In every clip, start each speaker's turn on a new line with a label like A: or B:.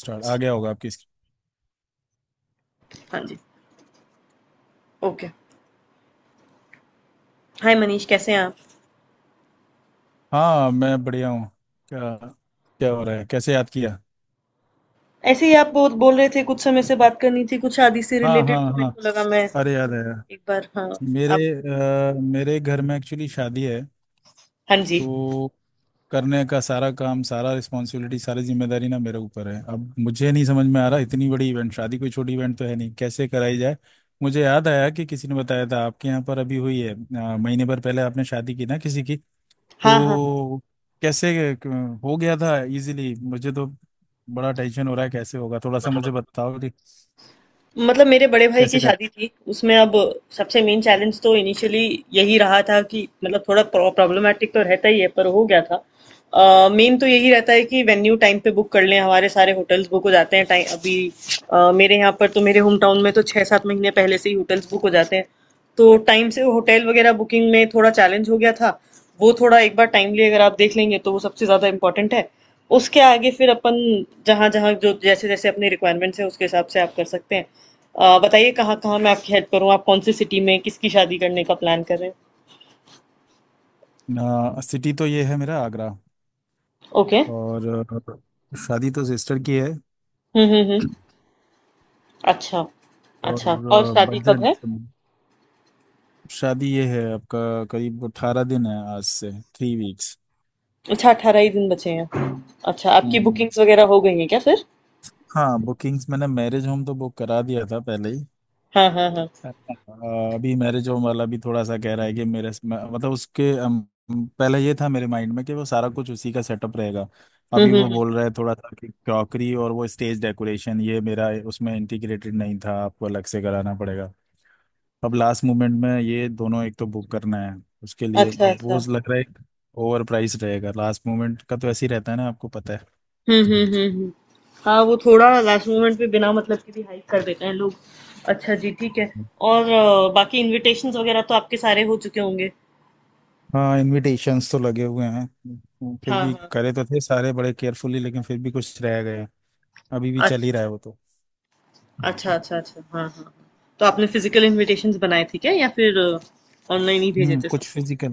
A: Start आ गया होगा आपकी स्क्रीन।
B: हाँ जी, ओके। हाय मनीष कैसे हैं आप?
A: हाँ मैं बढ़िया हूँ। क्या क्या हो रहा है, कैसे याद किया?
B: ऐसे ही आप बहुत बोल रहे थे कुछ समय से बात करनी थी कुछ शादी से
A: हाँ
B: रिलेटेड
A: हाँ
B: तो मेरे
A: हाँ,
B: को लगा मैं
A: अरे
B: एक
A: याद है यार।
B: बार हाँ,
A: मेरे
B: आप
A: अ, मेरे घर में एक्चुअली शादी है।
B: हाँ जी।
A: तो करने का सारा काम, सारा रिस्पॉन्सिबिलिटी, सारी जिम्मेदारी ना मेरे ऊपर है। अब मुझे नहीं समझ में आ रहा, इतनी बड़ी इवेंट, शादी कोई छोटी इवेंट तो है नहीं, कैसे कराई जाए। मुझे याद आया कि किसी ने बताया था आपके यहाँ पर अभी हुई है, महीने भर पहले आपने शादी की ना किसी की।
B: हाँ, हाँ, हाँ।
A: तो हो गया था इजीली मुझे तो। बड़ा टेंशन हो रहा है कैसे होगा, थोड़ा सा मुझे बताओ कि
B: मतलब मेरे बड़े भाई की
A: कैसे कर
B: शादी थी उसमें अब सबसे मेन चैलेंज तो इनिशियली यही रहा था कि मतलब थोड़ा प्रॉब्लमेटिक तो रहता ही है पर हो गया था। मेन तो यही रहता है कि वेन्यू टाइम पे बुक कर लें, हमारे सारे होटल्स बुक हो जाते हैं टाइम। अभी मेरे यहाँ पर तो मेरे होम टाउन में तो 6-7 महीने पहले से ही होटल्स बुक हो जाते हैं, तो टाइम से होटल वगैरह बुकिंग में थोड़ा चैलेंज हो गया था। वो थोड़ा एक बार टाइमली अगर आप देख लेंगे तो वो सबसे ज़्यादा इम्पोर्टेंट है। उसके आगे फिर अपन जहाँ जहाँ जो जैसे जैसे अपनी रिक्वायरमेंट्स है उसके हिसाब से आप कर सकते हैं। बताइए कहाँ कहाँ मैं आपकी हेल्प करूँ, आप कौन सी सिटी में किसकी शादी करने का प्लान कर रहे हैं।
A: सिटी तो ये है मेरा, आगरा।
B: ओके।
A: और शादी तो सिस्टर की है।
B: हम्म। अच्छा।
A: और
B: अच्छा, और शादी कब
A: बजट
B: है?
A: शादी ये है आपका, करीब 18 दिन है, आज से 3 वीक्स।
B: अच्छा, 18 ही दिन बचे हैं। अच्छा, आपकी
A: हम्म।
B: बुकिंग्स वगैरह हो गई हैं क्या फिर?
A: हाँ बुकिंग्स, मैंने मैरिज होम तो बुक करा दिया था पहले ही।
B: हाँ हाँ हाँ।
A: अ, अभी मैरिज होम वाला भी थोड़ा सा कह रहा है कि मतलब उसके, पहले ये था मेरे माइंड में कि वो सारा कुछ उसी का सेटअप रहेगा। अभी वो
B: हम्म।
A: बोल रहा है थोड़ा सा कि क्रॉकरी और वो स्टेज डेकोरेशन, ये मेरा उसमें इंटीग्रेटेड नहीं था, आपको अलग से कराना पड़ेगा। अब लास्ट मोमेंट में ये दोनों एक तो बुक करना है, उसके लिए
B: अच्छा
A: अब वो
B: अच्छा।
A: लग रहा है ओवर प्राइस रहेगा। लास्ट मोमेंट का तो ऐसे ही रहता है ना, आपको पता है।
B: हम्म हम्म हम्म हम्म। हाँ वो थोड़ा लास्ट मोमेंट पे बिना मतलब के भी हाइक कर देते हैं लोग। अच्छा जी ठीक है। और बाकी इनविटेशंस वगैरह तो आपके सारे हो चुके होंगे।
A: हाँ इनविटेशंस तो लगे हुए हैं, फिर
B: हाँ
A: भी
B: हाँ।
A: करे तो थे सारे बड़े केयरफुली, लेकिन फिर भी कुछ रह गए। अभी भी चल ही रहा
B: अच्छा,
A: है वो तो।
B: अच्छा, अच्छा, अच्छा। हाँ, हाँ। हाँ। तो आपने फिजिकल इन्विटेशंस बनाए थे क्या या फिर ऑनलाइन ही भेजे थे
A: कुछ
B: सबको?
A: फिजिकल,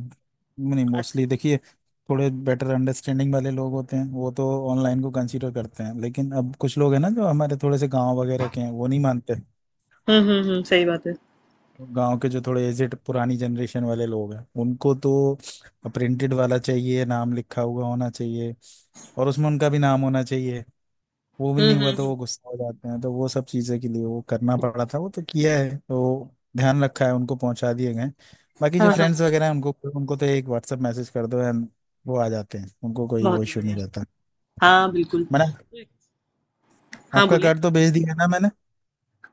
A: नहीं
B: अच्छा,
A: मोस्टली
B: अच्छा।
A: देखिए, थोड़े बेटर अंडरस्टैंडिंग वाले लोग होते हैं वो तो ऑनलाइन को कंसीडर करते हैं, लेकिन अब कुछ लोग हैं ना जो हमारे थोड़े से गांव वगैरह के हैं, वो नहीं मानते।
B: हुँ, हुँ, हुँ, सही बात है।
A: गांव के जो थोड़े एजेड पुरानी जनरेशन वाले लोग हैं उनको तो प्रिंटेड वाला चाहिए, नाम लिखा हुआ होना चाहिए, और उसमें उनका भी नाम होना चाहिए, वो भी
B: हुँ,
A: नहीं हुआ
B: हुँ,
A: तो
B: हुँ।
A: वो गुस्सा हो जाते हैं। तो वो सब चीज़ें के लिए वो करना पड़ा था, वो तो किया है, तो ध्यान रखा है, उनको पहुंचा दिए गए। बाकी
B: हाँ,
A: जो
B: हाँ,
A: फ्रेंड्स
B: हाँ।
A: वगैरह हैं उनको, उनको तो एक व्हाट्सएप मैसेज कर दो एंड वो आ जाते हैं, उनको कोई वो
B: बहुत ही
A: इशू नहीं
B: बढ़िया।
A: रहता।
B: हाँ, बिल्कुल।
A: मैंने
B: तो एक- हाँ,
A: आपका
B: बोलिए।
A: कार्ड तो भेज दिया है ना मैंने।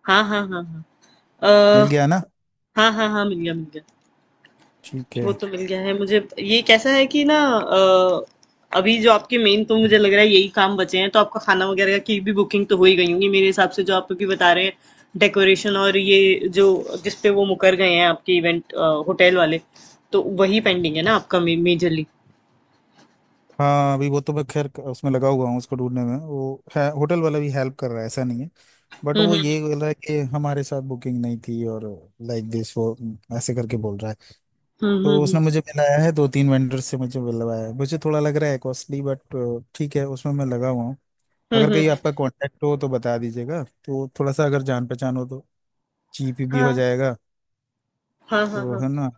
B: हाँ, हाँ, हाँ, हाँ।
A: मिल
B: अ,
A: गया है ना?
B: हाँ, हाँ, हाँ, मिल गया, मिल गया।
A: ठीक है।
B: वो तो मिल गया है मुझे। ये कैसा है कि ना अभी जो आपके मेन तो मुझे लग रहा है यही काम बचे हैं, तो आपका खाना वगैरह की भी बुकिंग तो हो ही गई होंगी मेरे हिसाब से जो आप अभी बता रहे हैं। डेकोरेशन और ये जो जिस पे वो मुकर गए हैं, आपके इवेंट होटल वाले, तो वही पेंडिंग है ना आपका मेजरली।
A: हाँ अभी वो तो मैं खैर उसमें लगा हुआ हूँ, उसको ढूंढने में वो है, होटल वाला भी हेल्प कर रहा है, ऐसा नहीं है। बट
B: हम्म
A: वो
B: हम्म
A: ये बोल रहा है कि हमारे साथ बुकिंग नहीं थी, और लाइक दिस वो, ऐसे करके बोल रहा है। तो उसने
B: हम्म
A: मुझे मिलाया है दो तीन वेंडर से, मुझे मिलवाया है, मुझे थोड़ा लग रहा है कॉस्टली, बट ठीक है, उसमें मैं लगा हुआ हूँ। अगर कहीं आपका
B: हम्म।
A: कांटेक्ट हो तो बता दीजिएगा, तो थोड़ा सा अगर जान पहचान हो तो चीप भी हो
B: हाँ
A: जाएगा,
B: हाँ हाँ
A: तो
B: हाँ।
A: है ना।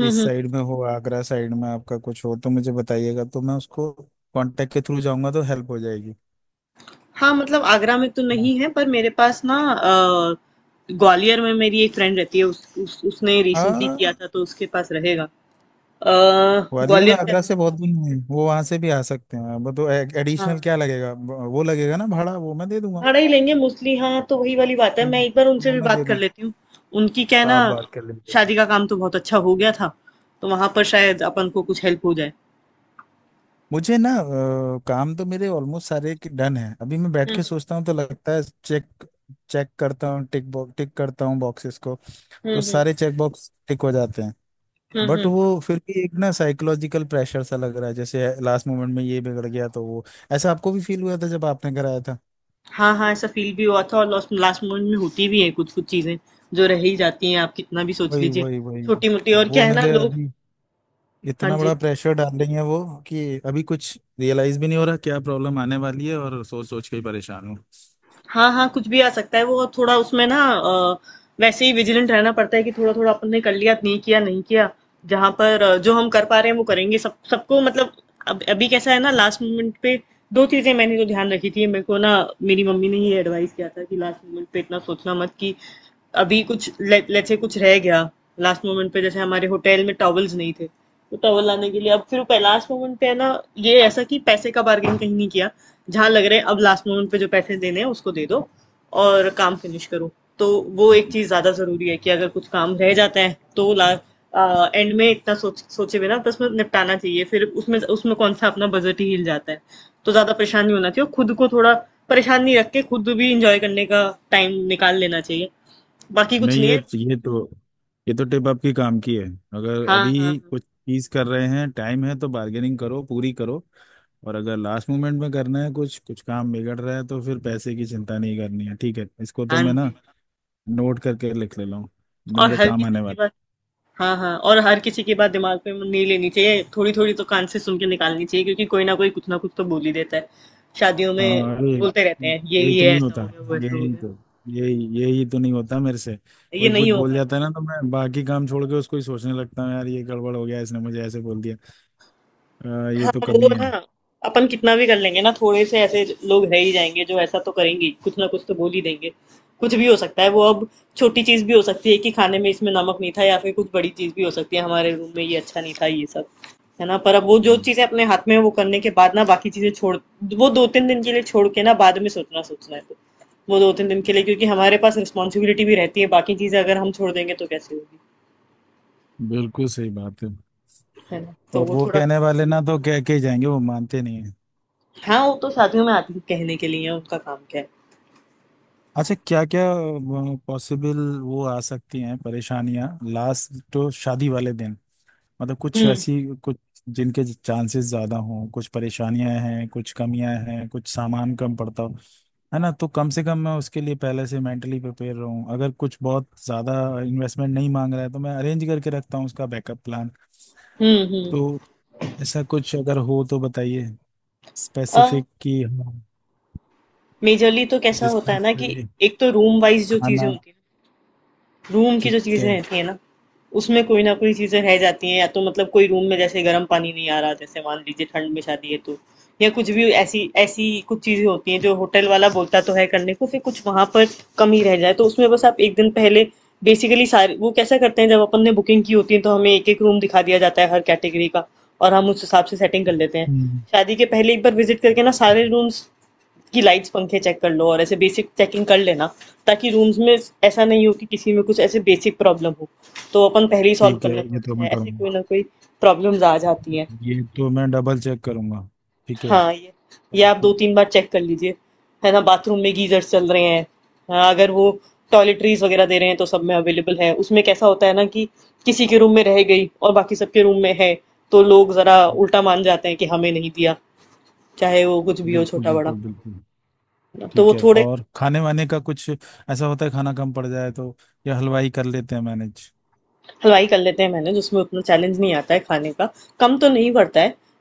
A: इस
B: हम्म।
A: साइड में हो, आगरा साइड में आपका कुछ हो तो मुझे बताइएगा, तो मैं उसको कांटेक्ट के थ्रू जाऊंगा तो हेल्प हो जाएगी।
B: हाँ, मतलब आगरा में तो नहीं है पर मेरे पास ना ग्वालियर में मेरी एक फ्रेंड रहती है, उस उसने रिसेंटली किया
A: हाँ,
B: था तो उसके पास रहेगा। अ,
A: ग्वालियर
B: ग्वालियर से।
A: आगरा से बहुत दूर नहीं है, वो वहां से भी आ सकते हैं अब तो। एडिशनल
B: हाँ।
A: क्या लगेगा वो लगेगा ना, भाड़ा वो मैं दे दूंगा।
B: भाड़ा ही लेंगे मोस्टली। हाँ तो वही वाली बात है, मैं
A: हम्म,
B: एक बार उनसे
A: वो
B: भी
A: मैं दे
B: बात कर
A: दूंगा,
B: लेती हूँ। उनकी क्या है ना,
A: आप बात कर लेंगे।
B: शादी का काम तो बहुत अच्छा हो गया था, तो वहां पर शायद अपन को कुछ हेल्प हो जाए।
A: मुझे ना काम तो मेरे ऑलमोस्ट सारे डन है, अभी मैं बैठ
B: हम्म
A: के सोचता हूँ तो लगता है चेक चेक करता हूँ, टिक बॉक्स टिक करता हूँ बॉक्सेस को,
B: हम्म
A: तो
B: हम्म
A: सारे चेक बॉक्स टिक हो जाते हैं। बट
B: हम्म।
A: वो फिर भी एक ना साइकोलॉजिकल प्रेशर सा लग रहा है, जैसे लास्ट मोमेंट में ये बिगड़ गया तो वो। ऐसा आपको भी फील हुआ था जब आपने कराया था?
B: हाँ, हाँ, ऐसा फील भी हुआ था। और लास्ट लास्ट मोमेंट में होती भी है कुछ-कुछ चीज़ें, जो रह ही जाती हैं, आप कितना भी सोच
A: वही
B: लीजिए।
A: वही वही।
B: छोटी-मोटी। और
A: वो
B: क्या है ना
A: मेरे
B: लोग।
A: अभी
B: हाँ
A: इतना
B: जी।
A: बड़ा प्रेशर डाल रही है वो, कि अभी कुछ रियलाइज भी नहीं हो रहा क्या प्रॉब्लम आने वाली है, और सोच सोच के ही परेशान हूँ।
B: हाँ, हाँ, कुछ भी आ सकता है वो थोड़ा उसमें ना वैसे ही विजिलेंट रहना पड़ता है कि थोड़ा थोड़ा अपन ने कर लिया नहीं, किया नहीं किया, जहां पर जो हम कर पा रहे हैं वो करेंगे सब सबको मतलब। अब अभी कैसा है ना लास्ट मोमेंट पे, दो चीजें मैंने तो ध्यान रखी थी मेरे को ना। मेरी मम्मी ने ये एडवाइस किया था कि लास्ट मोमेंट पे इतना सोचना मत कि अभी कुछ लेट से कुछ रह गया। लास्ट मोमेंट पे जैसे हमारे होटल में टॉवल्स नहीं थे, तो टॉवल लाने के लिए अब फिर पे लास्ट मोमेंट पे है ना। ये ऐसा कि पैसे का बार्गेन कहीं नहीं किया, जहां लग रहा है अब लास्ट मोमेंट पे जो पैसे देने हैं उसको दे दो और काम फिनिश करो। तो वो एक चीज ज्यादा जरूरी है कि अगर कुछ काम रह जाता है तो ला एंड में इतना सोच सोचे बिना बस में निपटाना चाहिए, फिर उसमें उसमें कौन सा अपना बजट ही हिल जाता है। तो ज्यादा परेशान नहीं होना चाहिए और खुद को थोड़ा परेशान नहीं रख के खुद भी इंजॉय करने का टाइम निकाल लेना चाहिए। बाकी कुछ
A: नहीं
B: नहीं
A: ये,
B: है।
A: ये तो ये तो टिप आपकी काम की है। अगर
B: हाँ हाँ
A: अभी
B: हाँ।
A: कुछ चीज कर रहे हैं, टाइम है, तो बार्गेनिंग करो पूरी करो। और अगर लास्ट मोमेंट में करना है, कुछ कुछ काम बिगड़ रहा है, तो फिर पैसे की चिंता नहीं करनी है, ठीक है, इसको तो
B: हाँ
A: मैं ना
B: जी।
A: नोट करके लिख ले रहा हूँ, तो
B: और
A: मेरे
B: हर
A: काम
B: किसी
A: आने
B: की
A: वाला।
B: बात, हाँ, हाँ और हर किसी की बात दिमाग में नहीं लेनी चाहिए, थोड़ी थोड़ी तो कान से सुन के निकालनी चाहिए, क्योंकि कोई ना कोई कुछ ना कुछ तो बोल ही देता है शादियों में।
A: हाँ अरे,
B: बोलते रहते हैं ये
A: यही तो
B: ये
A: नहीं
B: ऐसा
A: होता।
B: हो गया वो ऐसा हो
A: यही
B: गया।
A: तो यही तो नहीं होता मेरे से।
B: ये
A: कोई
B: नहीं
A: कुछ
B: हो
A: बोल
B: पाता।
A: जाता है ना, तो मैं बाकी काम छोड़ के उसको ही सोचने लगता हूँ, यार ये गड़बड़ हो गया, इसने मुझे ऐसे बोल दिया। ये
B: हाँ
A: तो
B: वो
A: कमी है।
B: ना, अपन कितना भी कर लेंगे ना, थोड़े से ऐसे लोग रह ही जाएंगे जो ऐसा तो करेंगे ही, कुछ ना कुछ तो बोल ही देंगे। कुछ भी हो सकता है वो। अब छोटी चीज भी हो सकती है कि खाने में इसमें नमक नहीं था, या फिर कुछ बड़ी चीज भी हो सकती है हमारे रूम में ये अच्छा नहीं था ये सब, है ना? पर अब वो जो
A: हम्म।
B: चीजें अपने हाथ में है वो करने के बाद ना बाकी चीजें छोड़, वो दो तीन दिन के लिए छोड़ के, ना बाद में सोचना, सोचना है तो वो दो तीन दिन के लिए, क्योंकि हमारे पास रिस्पॉन्सिबिलिटी भी रहती है, बाकी चीजें अगर हम छोड़ देंगे तो कैसे होगी।
A: बिल्कुल सही बात है।
B: है ना? तो
A: और
B: वो
A: वो
B: थोड़ा।
A: कहने वाले ना तो कह के ही जाएंगे, वो मानते नहीं है।
B: हाँ वो तो शादियों में आती है कहने के लिए, उनका काम क्या है।
A: अच्छा, क्या क्या पॉसिबल वो आ सकती हैं परेशानियां? लास्ट तो शादी वाले दिन, मतलब कुछ
B: हुँ,
A: ऐसी, कुछ जिनके चांसेस ज्यादा हों, कुछ परेशानियां हैं, कुछ कमियां हैं, कुछ सामान कम पड़ता हो, है ना। तो कम से कम मैं उसके लिए पहले से मेंटली प्रिपेयर रहूं, अगर कुछ बहुत ज्यादा इन्वेस्टमेंट नहीं मांग रहा है तो मैं अरेंज करके रखता हूँ उसका बैकअप प्लान।
B: हुँ, हुँ।
A: तो ऐसा कुछ अगर हो तो बताइए
B: अ,
A: स्पेसिफिक, कि हाँ
B: मेजरली तो कैसा होता
A: जिसमें
B: है ना कि
A: कि
B: एक तो रूम वाइज़ जो चीज़ें
A: खाना।
B: होती हैं, रूम की
A: ठीक
B: जो चीज़ें
A: है।
B: रहती हैं ना, उसमें कोई ना कोई चीज़ें रह जाती हैं, या तो मतलब कोई रूम में जैसे गर्म पानी नहीं आ रहा, जैसे मान लीजिए ठंड में शादी है तो, या कुछ भी ऐसी ऐसी कुछ चीज़ें होती हैं जो होटल वाला बोलता तो है करने को, फिर कुछ वहाँ पर कमी रह जाए, तो उसमें बस आप 1 दिन पहले बेसिकली सारे, वो कैसा करते हैं जब अपन ने बुकिंग की होती है तो हमें एक-एक रूम दिखा दिया जाता है हर कैटेगरी का, और हम उस हिसाब से सेटिंग कर लेते हैं।
A: हम्म,
B: शादी के पहले एक बार विज़िट करके ना सारे रूम्स, कि लाइट्स पंखे चेक कर लो और ऐसे बेसिक चेकिंग कर लेना, ताकि रूम्स में ऐसा नहीं हो कि किसी में कुछ ऐसे बेसिक प्रॉब्लम हो, तो अपन पहले ही सॉल्व
A: ठीक है
B: कर लें तो
A: ये तो
B: अच्छा
A: मैं
B: है, ऐसे
A: करूँगा,
B: कोई ना कोई प्रॉब्लम्स आ जाती हैं।
A: ये तो मैं डबल चेक करूँगा। ठीक है।
B: हाँ ये आप दो
A: ठीक,
B: तीन बार चेक कर लीजिए, है ना? बाथरूम में गीजर्स चल रहे हैं, हाँ, अगर वो टॉयलेटरीज वगैरह दे रहे हैं तो सब में अवेलेबल है। उसमें कैसा होता है ना कि किसी के रूम में रह गई और बाकी सबके रूम में है, तो लोग जरा उल्टा मान जाते हैं कि हमें नहीं दिया, चाहे वो कुछ भी हो
A: बिल्कुल
B: छोटा बड़ा।
A: बिल्कुल बिल्कुल।
B: तो
A: ठीक
B: वो
A: है,
B: थोड़े,
A: और खाने वाने का कुछ ऐसा होता है खाना कम पड़ जाए तो, या हलवाई कर लेते हैं मैनेज?
B: हलवाई कर लेते हैं मैनेज, उसमें उतना चैलेंज नहीं आता है खाने का, कम तो नहीं पड़ता है।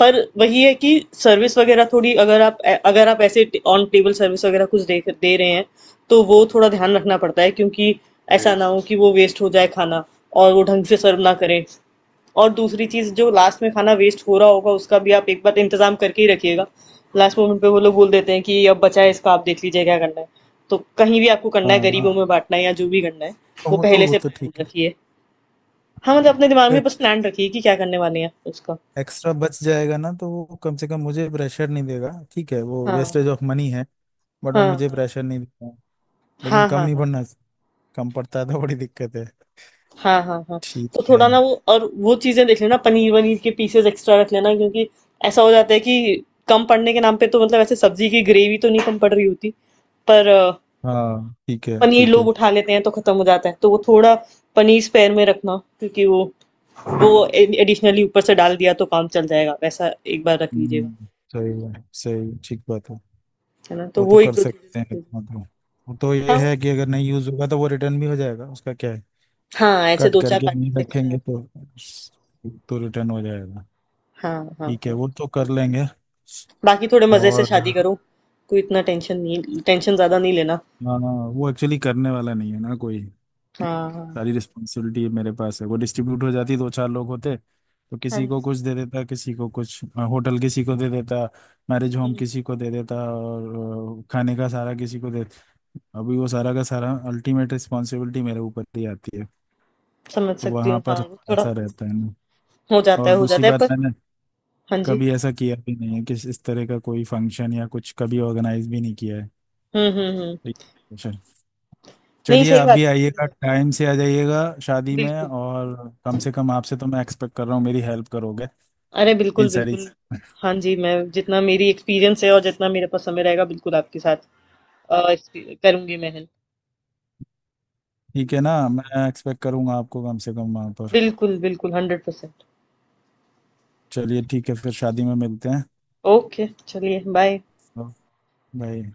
B: पर वही है कि सर्विस वगैरह थोड़ी अगर आप, अगर आप ऐसे ऑन टेबल सर्विस वगैरह कुछ दे दे रहे हैं, तो वो थोड़ा ध्यान रखना पड़ता है क्योंकि ऐसा राइट ना हो कि वो वेस्ट हो जाए खाना और वो ढंग से सर्व ना करें। और दूसरी चीज़ जो लास्ट में खाना वेस्ट हो रहा होगा, उसका भी आप एक बार इंतजाम करके ही रखिएगा। लास्ट मोमेंट पे वो लोग बोल देते हैं कि अब बचा है इसका आप देख लीजिए क्या करना है, तो कहीं भी आपको करना
A: हाँ
B: है गरीबों में
A: हाँ,
B: बांटना है या जो भी करना है, वो
A: वो तो
B: पहले
A: वो
B: से
A: तो
B: प्लान
A: ठीक है।
B: रखिए। हाँ, मतलब अपने दिमाग में बस प्लान रखिए कि क्या करने वाले हैं उसका।
A: एक्स्ट्रा बच जाएगा ना तो वो कम से कम मुझे प्रेशर नहीं देगा, ठीक है वो
B: हाँ,
A: वेस्टेज ऑफ मनी है, बट वो मुझे
B: हाँ,
A: प्रेशर नहीं देगा। लेकिन
B: हाँ,
A: कम
B: हाँ, हाँ,
A: नहीं
B: हाँ,
A: पड़ना, कम पड़ता है तो बड़ी दिक्कत है।
B: हाँ, हाँ, हाँ, हाँ।
A: ठीक
B: तो थोड़ा
A: है।
B: ना वो और वो चीज़ें देख लेना, पनीर-वनीर के पीसेज़ एक्स्ट्रा रख लेना, क्योंकि ऐसा हो जाता है कि कम पड़ने के नाम पे, तो मतलब ऐसे सब्जी की ग्रेवी तो नहीं कम पड़ रही होती, पर
A: हाँ ठीक है
B: पनीर
A: ठीक
B: लोग
A: है।
B: उठा लेते हैं तो खत्म हो जाता है। तो वो थोड़ा पनीर स्पेयर में रखना, क्योंकि वो ए एडिशनली ऊपर से डाल दिया तो काम चल जाएगा। वैसा एक बार रख लीजिएगा,
A: हम्म, सही है, सही ठीक बात है।
B: है ना? तो
A: वो तो
B: वो
A: कर
B: 1-2
A: सकते हैं
B: चीज़ें।
A: मतलब, वो तो ये
B: हाँ,
A: है कि अगर नहीं यूज होगा तो वो रिटर्न भी हो जाएगा, उसका क्या है,
B: हाँ, ऐसे
A: कट
B: 2-4
A: करके नहीं
B: पैकेट्स
A: रखेंगे
B: एक्स्ट्रा।
A: तो रिटर्न हो जाएगा।
B: हाँ, हाँ,
A: ठीक है,
B: हाँ।
A: वो तो कर लेंगे।
B: बाकी थोड़े मज़े से शादी
A: और
B: करो, कोई इतना टेंशन नहीं, टेंशन ज़्यादा नहीं लेना।
A: हाँ, वो एक्चुअली करने वाला नहीं है ना कोई,
B: हाँ, हाँ।
A: सारी रिस्पॉन्सिबिलिटी मेरे पास है, वो डिस्ट्रीब्यूट हो जाती दो चार लोग होते तो
B: हाँ
A: किसी को
B: जी।
A: कुछ दे देता, किसी को कुछ, होटल किसी को दे देता, मैरिज होम
B: हुँ,
A: किसी को दे देता, और खाने का सारा किसी को दे। अभी वो सारा का सारा अल्टीमेट रिस्पॉन्सिबिलिटी मेरे ऊपर ही आती है,
B: समझ
A: तो
B: सकती
A: वहाँ
B: हूँ।
A: पर
B: हाँ, वो थोड़ा
A: ऐसा रहता है ना।
B: हो जाता
A: और
B: है, हो
A: दूसरी
B: जाता है
A: बात,
B: पर।
A: मैंने
B: हाँ जी।
A: कभी ऐसा किया भी नहीं है, कि इस तरह का कोई फंक्शन या कुछ कभी ऑर्गेनाइज भी नहीं किया
B: हुँ, हुँ, हुँ।
A: है।
B: नहीं,
A: चलिए
B: सही
A: आप
B: बात
A: भी आइएगा,
B: है।
A: टाइम से आ जाइएगा शादी में,
B: बिल्कुल।
A: और कम से कम आपसे तो मैं एक्सपेक्ट कर रहा हूँ मेरी हेल्प करोगे
B: अरे
A: इन
B: बिल्कुल,
A: सारी।
B: बिल्कुल। हाँ जी, मैं जितना मेरी एक्सपीरियंस है और जितना मेरे पास समय रहेगा बिल्कुल आपके साथ एक्सपी करूँगी मैं हेल्प।
A: ठीक है ना, मैं एक्सपेक्ट करूँगा आपको कम से कम वहाँ पर।
B: बिल्कुल, बिल्कुल 100%।
A: चलिए ठीक है, फिर शादी में मिलते हैं
B: ओके, चलिए बाय।
A: भाई।